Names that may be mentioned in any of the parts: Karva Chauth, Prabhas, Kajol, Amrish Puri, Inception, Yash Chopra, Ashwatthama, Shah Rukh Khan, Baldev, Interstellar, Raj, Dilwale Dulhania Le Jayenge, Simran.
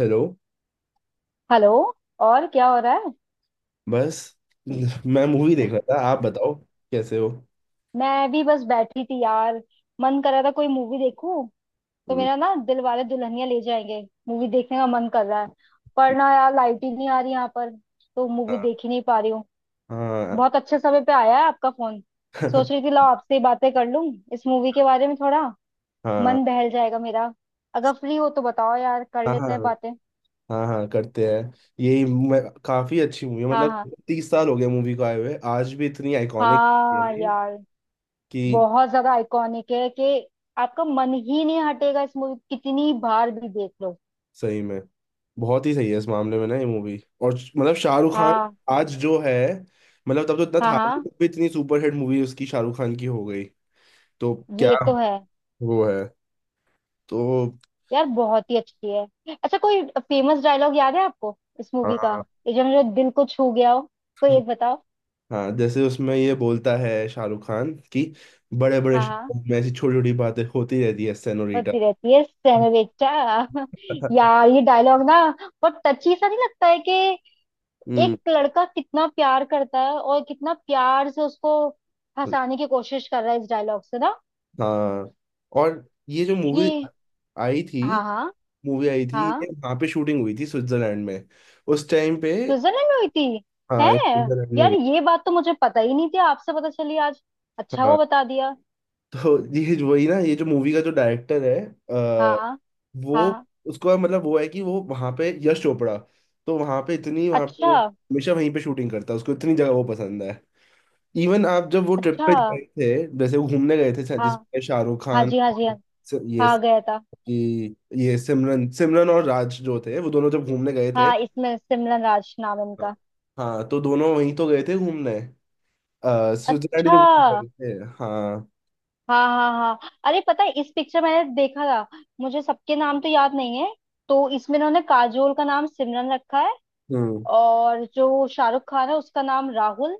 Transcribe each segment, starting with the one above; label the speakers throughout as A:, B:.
A: Hello.
B: Hello. और क्या हो रहा है।
A: बस मैं मूवी देख रहा था। आप बताओ, कैसे हो।
B: मैं भी बस बैठी थी यार। मन कर रहा था कोई मूवी देखूं, तो
A: हम्म।
B: मेरा ना दिल वाले दुल्हनिया ले जाएंगे मूवी देखने का मन कर रहा है। पर ना यार लाइट ही नहीं आ रही यहाँ पर, तो मूवी
A: हाँ,
B: देख ही नहीं पा रही हूँ।
A: हाँ।
B: बहुत अच्छे समय पे आया है आपका फोन। सोच रही थी लाओ आपसे ही बातें कर लूं इस मूवी के बारे में थोड़ा,
A: हाँ
B: मन बहल जाएगा मेरा। अगर फ्री हो तो बताओ यार, कर
A: हाँ,
B: लेते हैं
A: हाँ।
B: बातें।
A: हाँ, हाँ करते हैं। यही मैं, काफी अच्छी मूवी है।
B: हाँ हाँ।
A: मतलब 30 साल हो गए मूवी को आए हुए, आज भी इतनी आइकॉनिक है
B: हाँ
A: ना ये,
B: यार,
A: कि
B: बहुत ज्यादा आइकॉनिक है कि आपका मन ही नहीं हटेगा इस मूवी, कितनी बार भी देख लो।
A: सही में बहुत ही सही है इस मामले में ना, ये मूवी। और मतलब शाहरुख खान
B: हाँ
A: आज जो है, मतलब तब तो इतना
B: हाँ
A: था नहीं,
B: हाँ।
A: तब भी इतनी सुपरहिट मूवी उसकी शाहरुख खान की हो गई। तो क्या,
B: ये तो है।
A: वो है तो।
B: यार बहुत ही अच्छी है। अच्छा, कोई फेमस डायलॉग याद है आपको इस मूवी का,
A: हाँ,
B: ये जो मेरे दिल को छू गया हो, कोई एक बताओ।
A: हाँ, जैसे उसमें ये बोलता है शाहरुख खान कि बड़े बड़े
B: हाँ हाँ,
A: शहरों में ऐसी छोटी छोटी बातें होती रहती है सेनोरिटा।
B: होती रहती है सेनोरेटा। यार ये डायलॉग ना, बहुत टची सा नहीं लगता है कि
A: हम्म।
B: एक लड़का कितना प्यार करता है और कितना प्यार से उसको फंसाने की कोशिश कर रहा है इस डायलॉग से ना।
A: हाँ, और ये जो मूवी
B: ये
A: आई थी,
B: हाँ हाँ
A: मूवी आई थी ये,
B: हाँ।
A: वहाँ पे शूटिंग हुई थी स्विट्जरलैंड में। उस टाइम पे।
B: स्विट्जरलैंड में हुई थी।
A: हाँ,
B: है।
A: ये स्विट्जरलैंड में
B: यार
A: हुई।
B: ये बात तो मुझे पता ही नहीं थी, आपसे पता चली आज। अच्छा हुआ
A: हाँ।
B: बता दिया।
A: तो ये वही ना, ये जो मूवी का जो डायरेक्टर है, अ,
B: हाँ
A: वो
B: हाँ।
A: उसका मतलब वो है कि वो वहाँ पे, यश चोपड़ा, तो वहाँ पे इतनी वहाँ पे
B: अच्छा।
A: वो हमेशा वहीं पे शूटिंग करता है, उसको इतनी जगह वो पसंद है। इवन आप जब वो ट्रिप
B: अच्छा।
A: पे गए थे, जैसे वो घूमने गए थे,
B: हाँ
A: जिसमें शाहरुख
B: हाँ
A: खान
B: जी हाँ जी
A: और
B: हाँ।
A: सि- ये
B: हाँ गया था।
A: कि ये सिमरन सिमरन और राज जो थे, वो दोनों जब घूमने गए थे।
B: हाँ, इसमें सिमरन राज नाम है
A: हाँ,
B: इनका।
A: हाँ, तो दोनों वहीं तो गए थे घूमने। स्विट्जरलैंड ही
B: अच्छा।
A: तो घूमने
B: हाँ
A: गए थे। हाँ।
B: हाँ हाँ, अरे पता है इस पिक्चर मैंने देखा था, मुझे सबके नाम तो याद नहीं है। तो इसमें इन्होंने काजोल का नाम सिमरन रखा है,
A: हम्म।
B: और जो शाहरुख खान है उसका नाम राहुल।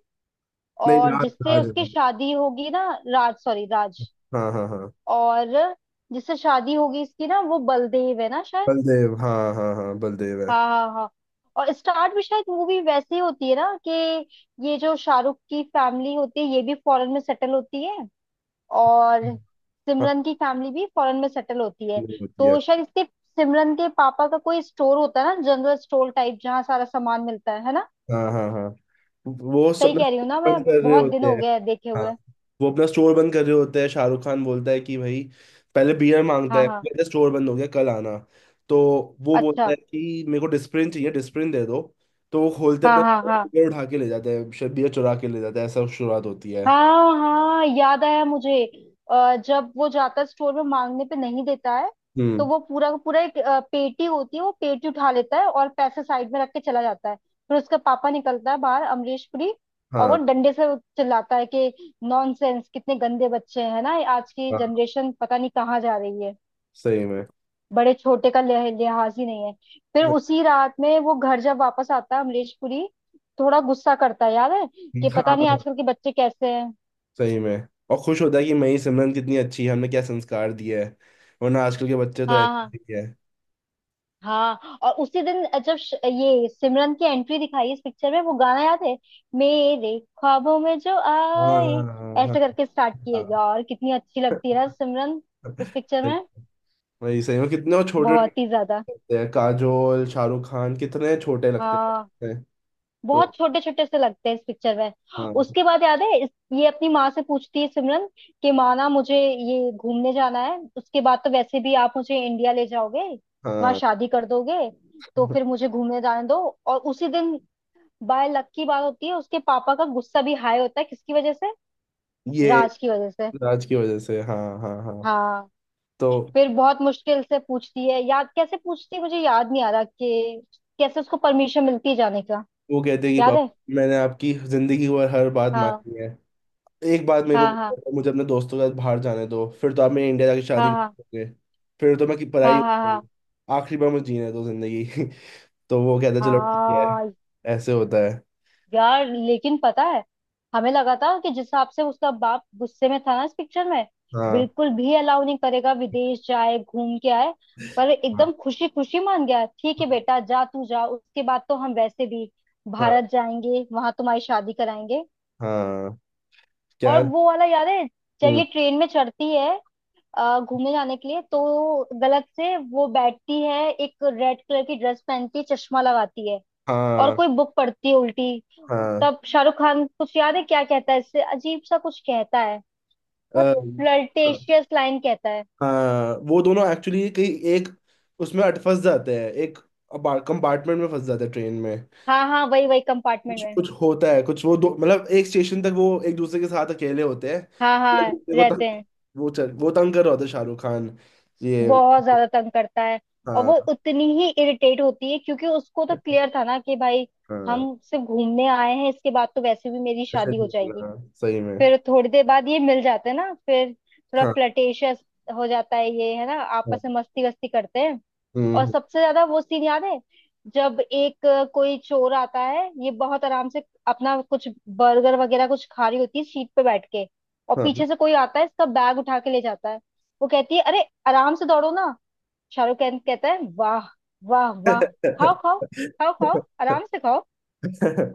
A: नहीं,
B: और
A: राज,
B: जिससे
A: राज
B: उसकी
A: है।
B: शादी होगी ना। राज, सॉरी राज।
A: हाँ, हाँ, हाँ।
B: और जिससे शादी होगी इसकी ना, वो बलदेव है ना शायद।
A: बलदेव, हाँ, हाँ, हाँ, बलदेव है।
B: हाँ हाँ हाँ। और स्टार्ट भी शायद मूवी वैसे ही होती है ना, कि ये जो शाहरुख की फैमिली होती है ये भी फॉरेन में सेटल होती है। और
A: हम्म। हाँ,
B: सिमरन की फैमिली भी फॉरेन में सेटल होती है।
A: बलदेव होती है।
B: तो शायद इसके, सिमरन के पापा का कोई स्टोर होता है ना, जनरल स्टोर टाइप जहाँ सारा सामान मिलता है ना।
A: हाँ, हाँ, हाँ। वो सब
B: सही
A: अपना
B: कह रही
A: store
B: हूँ ना मैं,
A: बंद कर रहे
B: बहुत दिन
A: होते
B: हो
A: हैं।
B: गया है देखे
A: हाँ,
B: हुए।
A: वो अपना स्टोर बंद कर रहे होते हैं। शाहरुख खान बोलता है कि भाई, पहले बियर मांगता
B: हाँ
A: है।
B: हाँ।
A: मेरा स्टोर बंद हो गया, कल आना। तो वो बोलता
B: अच्छा।
A: है कि मेरे को डिस्प्रिन चाहिए, डिस्प्रिन दे दो। तो वो खोलते
B: हाँ
A: अपना,
B: हाँ हाँ।
A: बियर उठा के ले जाते हैं, बियर चुरा के ले जाते हैं, ऐसा शुरुआत होती है।
B: हाँ हाँ याद आया मुझे। जब वो जाता है स्टोर में मांगने पे नहीं देता है। तो
A: हम्म।
B: वो पूरा का पूरा एक पेटी होती है, वो पेटी उठा लेता है और पैसे साइड में रख के चला जाता है। फिर उसका पापा निकलता है बाहर, अमरीश पुरी। और वो
A: हाँ,
B: डंडे से चिल्लाता है कि नॉनसेंस, कितने गंदे बच्चे हैं ना, आज की
A: हाँ,
B: जनरेशन पता नहीं कहाँ जा रही है,
A: सही में।
B: बड़े छोटे का लिहाज ही नहीं है। फिर उसी रात में वो घर जब वापस आता है अमरीश पुरी, थोड़ा गुस्सा करता है। याद है कि
A: हाँ,
B: पता नहीं
A: हाँ,
B: आजकल के बच्चे कैसे हैं।
A: सही में। और खुश होता है कि मई सिमरन कितनी अच्छी है, हमने क्या संस्कार दिया है। वरना आजकल के बच्चे तो
B: हाँ हाँ
A: ऐसे ही है।
B: हाँ। और उसी दिन जब ये सिमरन की एंट्री दिखाई इस पिक्चर में, वो गाना याद है, मेरे ख्वाबों में जो
A: हाँ,
B: आए,
A: हाँ, हाँ,
B: ऐसे करके स्टार्ट किया।
A: हाँ।
B: यार कितनी अच्छी लगती है ना सिमरन इस पिक्चर
A: सही-
B: में,
A: वही, सही में कितने वो छोटे
B: बहुत ही ज्यादा।
A: लगते हैं, काजोल शाहरुख खान कितने छोटे लगते
B: हाँ,
A: हैं। तो।
B: बहुत छोटे छोटे से लगते हैं इस पिक्चर में।
A: हाँ,
B: उसके बाद याद है ये अपनी माँ से पूछती है सिमरन, कि माँ ना मुझे ये घूमने जाना है, उसके बाद तो वैसे भी आप मुझे इंडिया ले जाओगे, वहां
A: हाँ,
B: शादी कर दोगे, तो फिर मुझे घूमने जाने दो। और उसी दिन बाय लक की बात होती है, उसके पापा का गुस्सा भी हाई होता है, किसकी वजह से,
A: ये
B: राज की वजह से।
A: राज की वजह से। हाँ, हाँ, हाँ।
B: हाँ।
A: तो
B: फिर बहुत मुश्किल से पूछती है, याद कैसे पूछती है मुझे याद नहीं आ रहा कि कैसे उसको परमिशन मिलती है जाने का।
A: वो कहते हैं कि
B: याद
A: पापा,
B: है।
A: मैंने आपकी जिंदगी भर हर बात
B: हाँ
A: मानी है, एक बात मेरे
B: हाँ। हाँ
A: को मुझे अपने दोस्तों के साथ बाहर जाने दो। फिर तो आप मेरे इंडिया जाके
B: हाँ।
A: शादी
B: हाँ
A: करोगे। फिर तो मैं की
B: हाँ
A: पढ़ाई
B: हाँ
A: करूंगी।
B: हाँ
A: आखिरी बार मुझे जीने दो जिंदगी। तो वो कहता है, चलो ठीक है।
B: हाँ।
A: ऐसे होता है।
B: यार लेकिन पता है, हमें लगा था कि जिस हिसाब से उसका बाप गुस्से में था ना इस पिक्चर में,
A: हाँ,
B: बिल्कुल भी अलाउ नहीं करेगा विदेश जाए घूम के आए। पर
A: हाँ,
B: एकदम खुशी खुशी मान गया, ठीक है
A: हाँ,
B: बेटा जा तू जा, उसके बाद तो हम वैसे भी
A: हाँ,
B: भारत जाएंगे वहां तुम्हारी शादी कराएंगे।
A: हाँ,
B: और
A: क्या?
B: वो वाला याद है जब
A: हम्म।
B: ये ट्रेन में चढ़ती है घूमने जाने के लिए, तो गलत से वो बैठती है, एक रेड कलर की ड्रेस पहनती है, चश्मा लगाती है और
A: हाँ,
B: कोई बुक पढ़ती है उल्टी।
A: हाँ,
B: तब शाहरुख खान कुछ याद है क्या कहता है, इससे अजीब सा कुछ कहता है, बहुत
A: अ, हाँ,
B: फ्लर्टेशियस लाइन कहता है।
A: हाँ, वो दोनों एक्चुअली कहीं, एक, उसमें अट फंस जाते हैं, एक कंपार्टमेंट में फंस जाते हैं ट्रेन में।
B: हाँ हाँ, वही वही कंपार्टमेंट
A: कुछ
B: में।
A: कुछ होता है कुछ, वो दो मतलब, एक स्टेशन तक वो एक दूसरे के साथ अकेले होते हैं,
B: हाँ
A: एक
B: हाँ,
A: दूसरे को तंग।
B: रहते हैं।
A: वो तंग कर रहा होता है शाहरुख खान, ये।
B: बहुत ज्यादा तंग करता है। और
A: हाँ,
B: वो उतनी ही इरिटेट होती है क्योंकि उसको तो क्लियर था ना कि भाई
A: हाँ,
B: हम सिर्फ घूमने आए हैं, इसके बाद तो वैसे भी मेरी
A: ऐसे
B: शादी हो
A: नहीं
B: जाएगी।
A: करना, हाँ, सही में।
B: फिर थोड़ी देर बाद ये मिल जाते हैं ना, फिर थोड़ा
A: हाँ,
B: फ्लर्टेशियस हो जाता है ये, है ना,
A: हाँ।
B: आपस में मस्ती वस्ती करते हैं। और
A: हम्म,
B: सबसे ज्यादा वो सीन याद है, जब एक कोई चोर आता है, ये बहुत आराम से अपना कुछ बर्गर वगैरह कुछ खा रही होती है सीट पे बैठ के, और
A: हाँ।
B: पीछे से कोई आता है इसका बैग उठा के ले जाता है। वो कहती है अरे आराम से दौड़ो ना। शाहरुख खान कहता है वाह वाह वाह, खाओ खाओ, खाओ खाओ आराम से खाओ।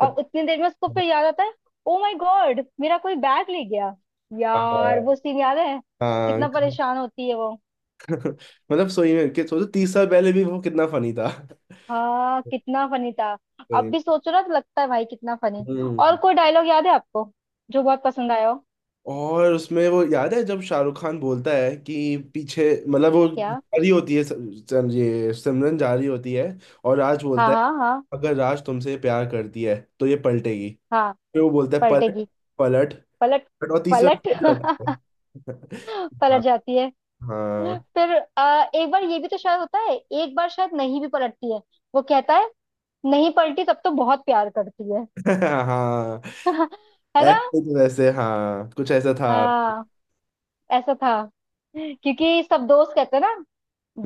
B: और उतनी देर में उसको फिर याद आता है, ओ माय गॉड मेरा कोई बैग ले गया। यार
A: हाँ,
B: वो सीन याद है,
A: हाँ,
B: कितना
A: हाँ।
B: परेशान होती है वो।
A: मतलब सही में कि सोचो, 30 साल पहले भी वो कितना फनी था।
B: हाँ, कितना फनी था। अब
A: भाई।
B: भी सोचो ना तो लगता है भाई कितना फनी। और
A: हम्म।
B: कोई डायलॉग याद है आपको, जो बहुत पसंद आया हो।
A: और उसमें वो याद है जब शाहरुख खान बोलता है कि पीछे, मतलब वो
B: क्या।
A: जारी होती है, ये सिमरन जारी होती है, और राज
B: हाँ
A: बोलता है
B: हाँ हाँ।
A: अगर राज तुमसे प्यार करती है तो ये पलटेगी।
B: हाँ
A: फिर वो बोलता है पलट,
B: पलटेगी।
A: पलट,
B: पलट।
A: पलट, और तीसरी
B: पलट
A: बार पलट जाता है।
B: पलट जाती है।
A: हाँ, हाँ।
B: फिर एक बार ये भी तो शायद होता है, एक बार शायद नहीं भी पलटती है, वो कहता है नहीं पलटी तब तो बहुत प्यार करती है।
A: हाँ,
B: है ना।
A: ऐसे तो वैसे हाँ कुछ ऐसा था।
B: हाँ ऐसा था। क्योंकि सब दोस्त कहते ना,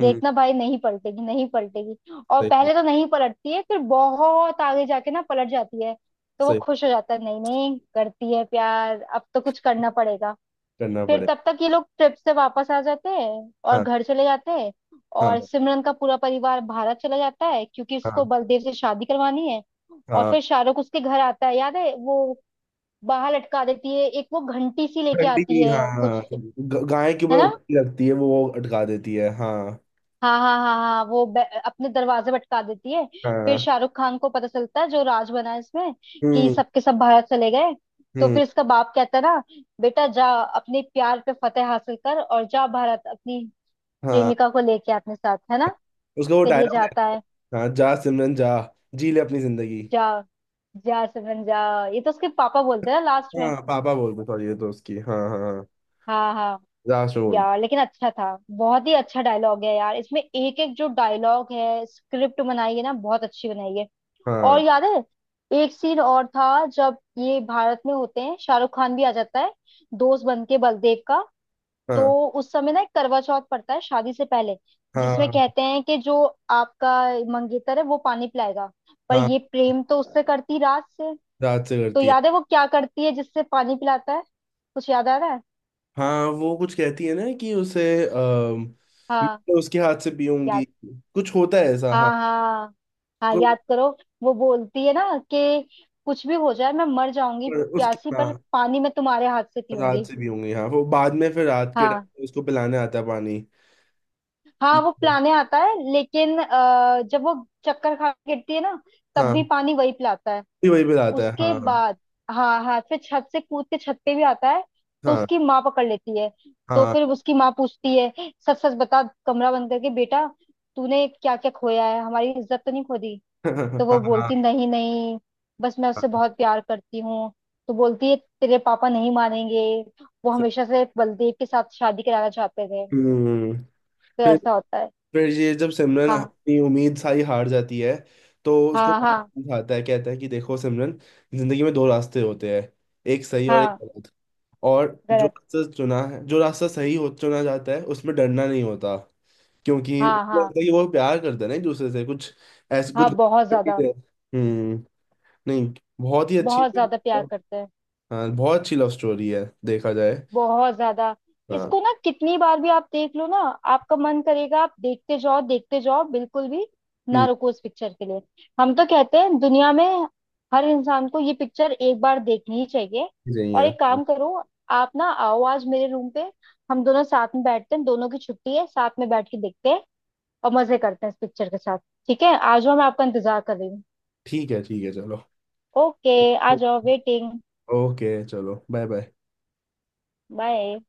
A: हम्म।
B: भाई नहीं पलटेगी नहीं पलटेगी। और
A: सही।
B: पहले तो नहीं पलटती है, फिर बहुत आगे जाके ना पलट जाती है। तो वो
A: सही।
B: खुश हो जाता है, नहीं नहीं करती है प्यार, अब तो कुछ करना पड़ेगा।
A: करना
B: फिर
A: पड़े।
B: तब तक ये लोग ट्रिप से वापस आ जाते हैं और
A: हाँ।
B: घर चले जाते हैं।
A: हाँ,
B: और सिमरन का पूरा परिवार भारत चला जाता है क्योंकि उसको
A: हाँ,
B: बलदेव से शादी करवानी है। और
A: हाँ।
B: फिर शाहरुख उसके घर आता है, याद है वो, बाहर लटका देती है एक, वो घंटी सी लेके आती
A: ठंडी, हाँ,
B: है
A: हाँ।
B: कुछ,
A: गाय के ऊपर
B: है
A: वो
B: ना।
A: घंटी लगती है, वो अटका देती है। हाँ।
B: हाँ हाँ हाँ हाँ, वो अपने दरवाजे भटका देती है। फिर
A: हाँ।
B: शाहरुख खान को पता चलता है, जो राज बना है इसमें, कि
A: हम्म।
B: सबके सब भारत चले गए। तो
A: हम्म।
B: फिर इसका बाप कहता है ना, बेटा जा अपने प्यार पे फतेह हासिल कर, और जा भारत अपनी
A: हाँ,
B: प्रेमिका को लेके अपने साथ, है ना।
A: उसका वो
B: फिर ये
A: डायलॉग है।
B: जाता है।
A: हाँ, जा सिमरन जा, जी ले अपनी जिंदगी।
B: जा, जा सिमरन जा, ये तो उसके पापा बोलते हैं ना लास्ट में।
A: हाँ, पापा बोलते, सॉरी, ये तो उसकी। हाँ, हाँ,
B: हाँ हाँ।
A: हाँ, राज में बोलते।
B: यार लेकिन अच्छा था, बहुत ही अच्छा डायलॉग है यार इसमें, एक एक जो डायलॉग है, स्क्रिप्ट बनाई है ना बहुत अच्छी बनाई है। और
A: हाँ,
B: याद है एक सीन और था, जब ये भारत में होते हैं शाहरुख खान भी आ जाता है दोस्त बन के बलदेव का। तो
A: हाँ,
B: उस समय ना एक करवा चौथ पड़ता है शादी से पहले, जिसमें
A: हाँ,
B: कहते हैं कि जो आपका मंगेतर है वो पानी पिलाएगा। पर
A: हाँ,
B: ये प्रेम तो उससे करती रात से।
A: रात से
B: तो
A: करती है।
B: याद है वो क्या करती है, जिससे पानी पिलाता है, कुछ याद आ रहा है।
A: हाँ, वो कुछ कहती है ना कि उसे अम, मैं
B: हाँ
A: तो उसके हाथ से पीऊंगी,
B: याद।
A: कुछ होता है ऐसा। हाँ।
B: हाँ हाँ। हाँ
A: कुछ
B: याद करो, वो बोलती है ना कि कुछ भी हो जाए मैं मर जाऊंगी
A: उसकी,
B: प्यासी, पर
A: हाँ,
B: पानी मैं तुम्हारे हाथ से
A: रात
B: पीऊंगी।
A: से पीऊंगी। हाँ, वो बाद में फिर रात के टाइम
B: हाँ
A: पे उसको पिलाने आता है पानी।
B: हाँ वो पिलाने आता है, लेकिन जब वो चक्कर खा के गिरती है ना, तब भी
A: हाँ,
B: पानी वही पिलाता है।
A: वही वही पिलाता है।
B: उसके
A: हाँ,
B: बाद, हाँ हाथ से छत से कूद के छत पे भी आता है, तो
A: हाँ,
B: उसकी माँ पकड़ लेती है। तो
A: हाँ।
B: फिर उसकी माँ पूछती है, सच सच बता कमरा बंद करके बेटा, तूने क्या क्या खोया है, हमारी इज्जत तो नहीं खो दी। तो वो
A: हाँ, हाँ,
B: बोलती
A: हाँ।
B: नहीं नहीं, बस मैं उससे
A: हाँ,
B: बहुत प्यार करती हूँ। तो बोलती है तेरे पापा नहीं मानेंगे, वो हमेशा से बलदेव के साथ शादी कराना चाहते थे।
A: हम्म।
B: तो
A: फिर
B: ऐसा होता है।
A: फिर ये जब सिमरन
B: हाँ
A: अपनी उम्मीद सारी हार जाती है, तो उसको
B: हाँ हाँ
A: समझाता है, कहता है कि देखो सिमरन, जिंदगी में दो रास्ते होते हैं, एक सही और एक
B: हाँ।
A: गलत। और जो
B: गलत।
A: रास्ता चुना है, जो रास्ता सही हो चुना जाता है, उसमें डरना नहीं होता। क्योंकि
B: हाँ
A: उनको
B: हाँ
A: लगता है कि वो प्यार करते हैं ना एक दूसरे से, कुछ ऐसे
B: हाँ।
A: कुछ
B: बहुत
A: करके।
B: ज्यादा,
A: हम्म। नहीं, बहुत ही अच्छी।
B: बहुत ज्यादा प्यार करते हैं।
A: हाँ, बहुत अच्छी लव स्टोरी है देखा जाए।
B: बहुत ज्यादा।
A: हाँ।
B: इसको ना कितनी बार भी आप देख लो ना, आपका मन करेगा आप देखते जाओ देखते जाओ, बिल्कुल भी ना
A: हम्म।
B: रुको इस पिक्चर के लिए। हम तो कहते हैं दुनिया में हर इंसान को ये पिक्चर एक बार देखनी ही चाहिए।
A: सही
B: और
A: है।
B: एक
A: हाँ,
B: काम करो, आप ना आओ आज मेरे रूम पे, हम दोनों साथ में बैठते हैं, दोनों की छुट्टी है, साथ में बैठ के देखते हैं और मजे करते हैं इस पिक्चर के साथ। ठीक है आ जाओ, मैं आपका इंतजार कर रही हूँ।
A: ठीक है चलो।
B: ओके, आ जाओ, वेटिंग।
A: ओके चलो। Bye bye.
B: बाय।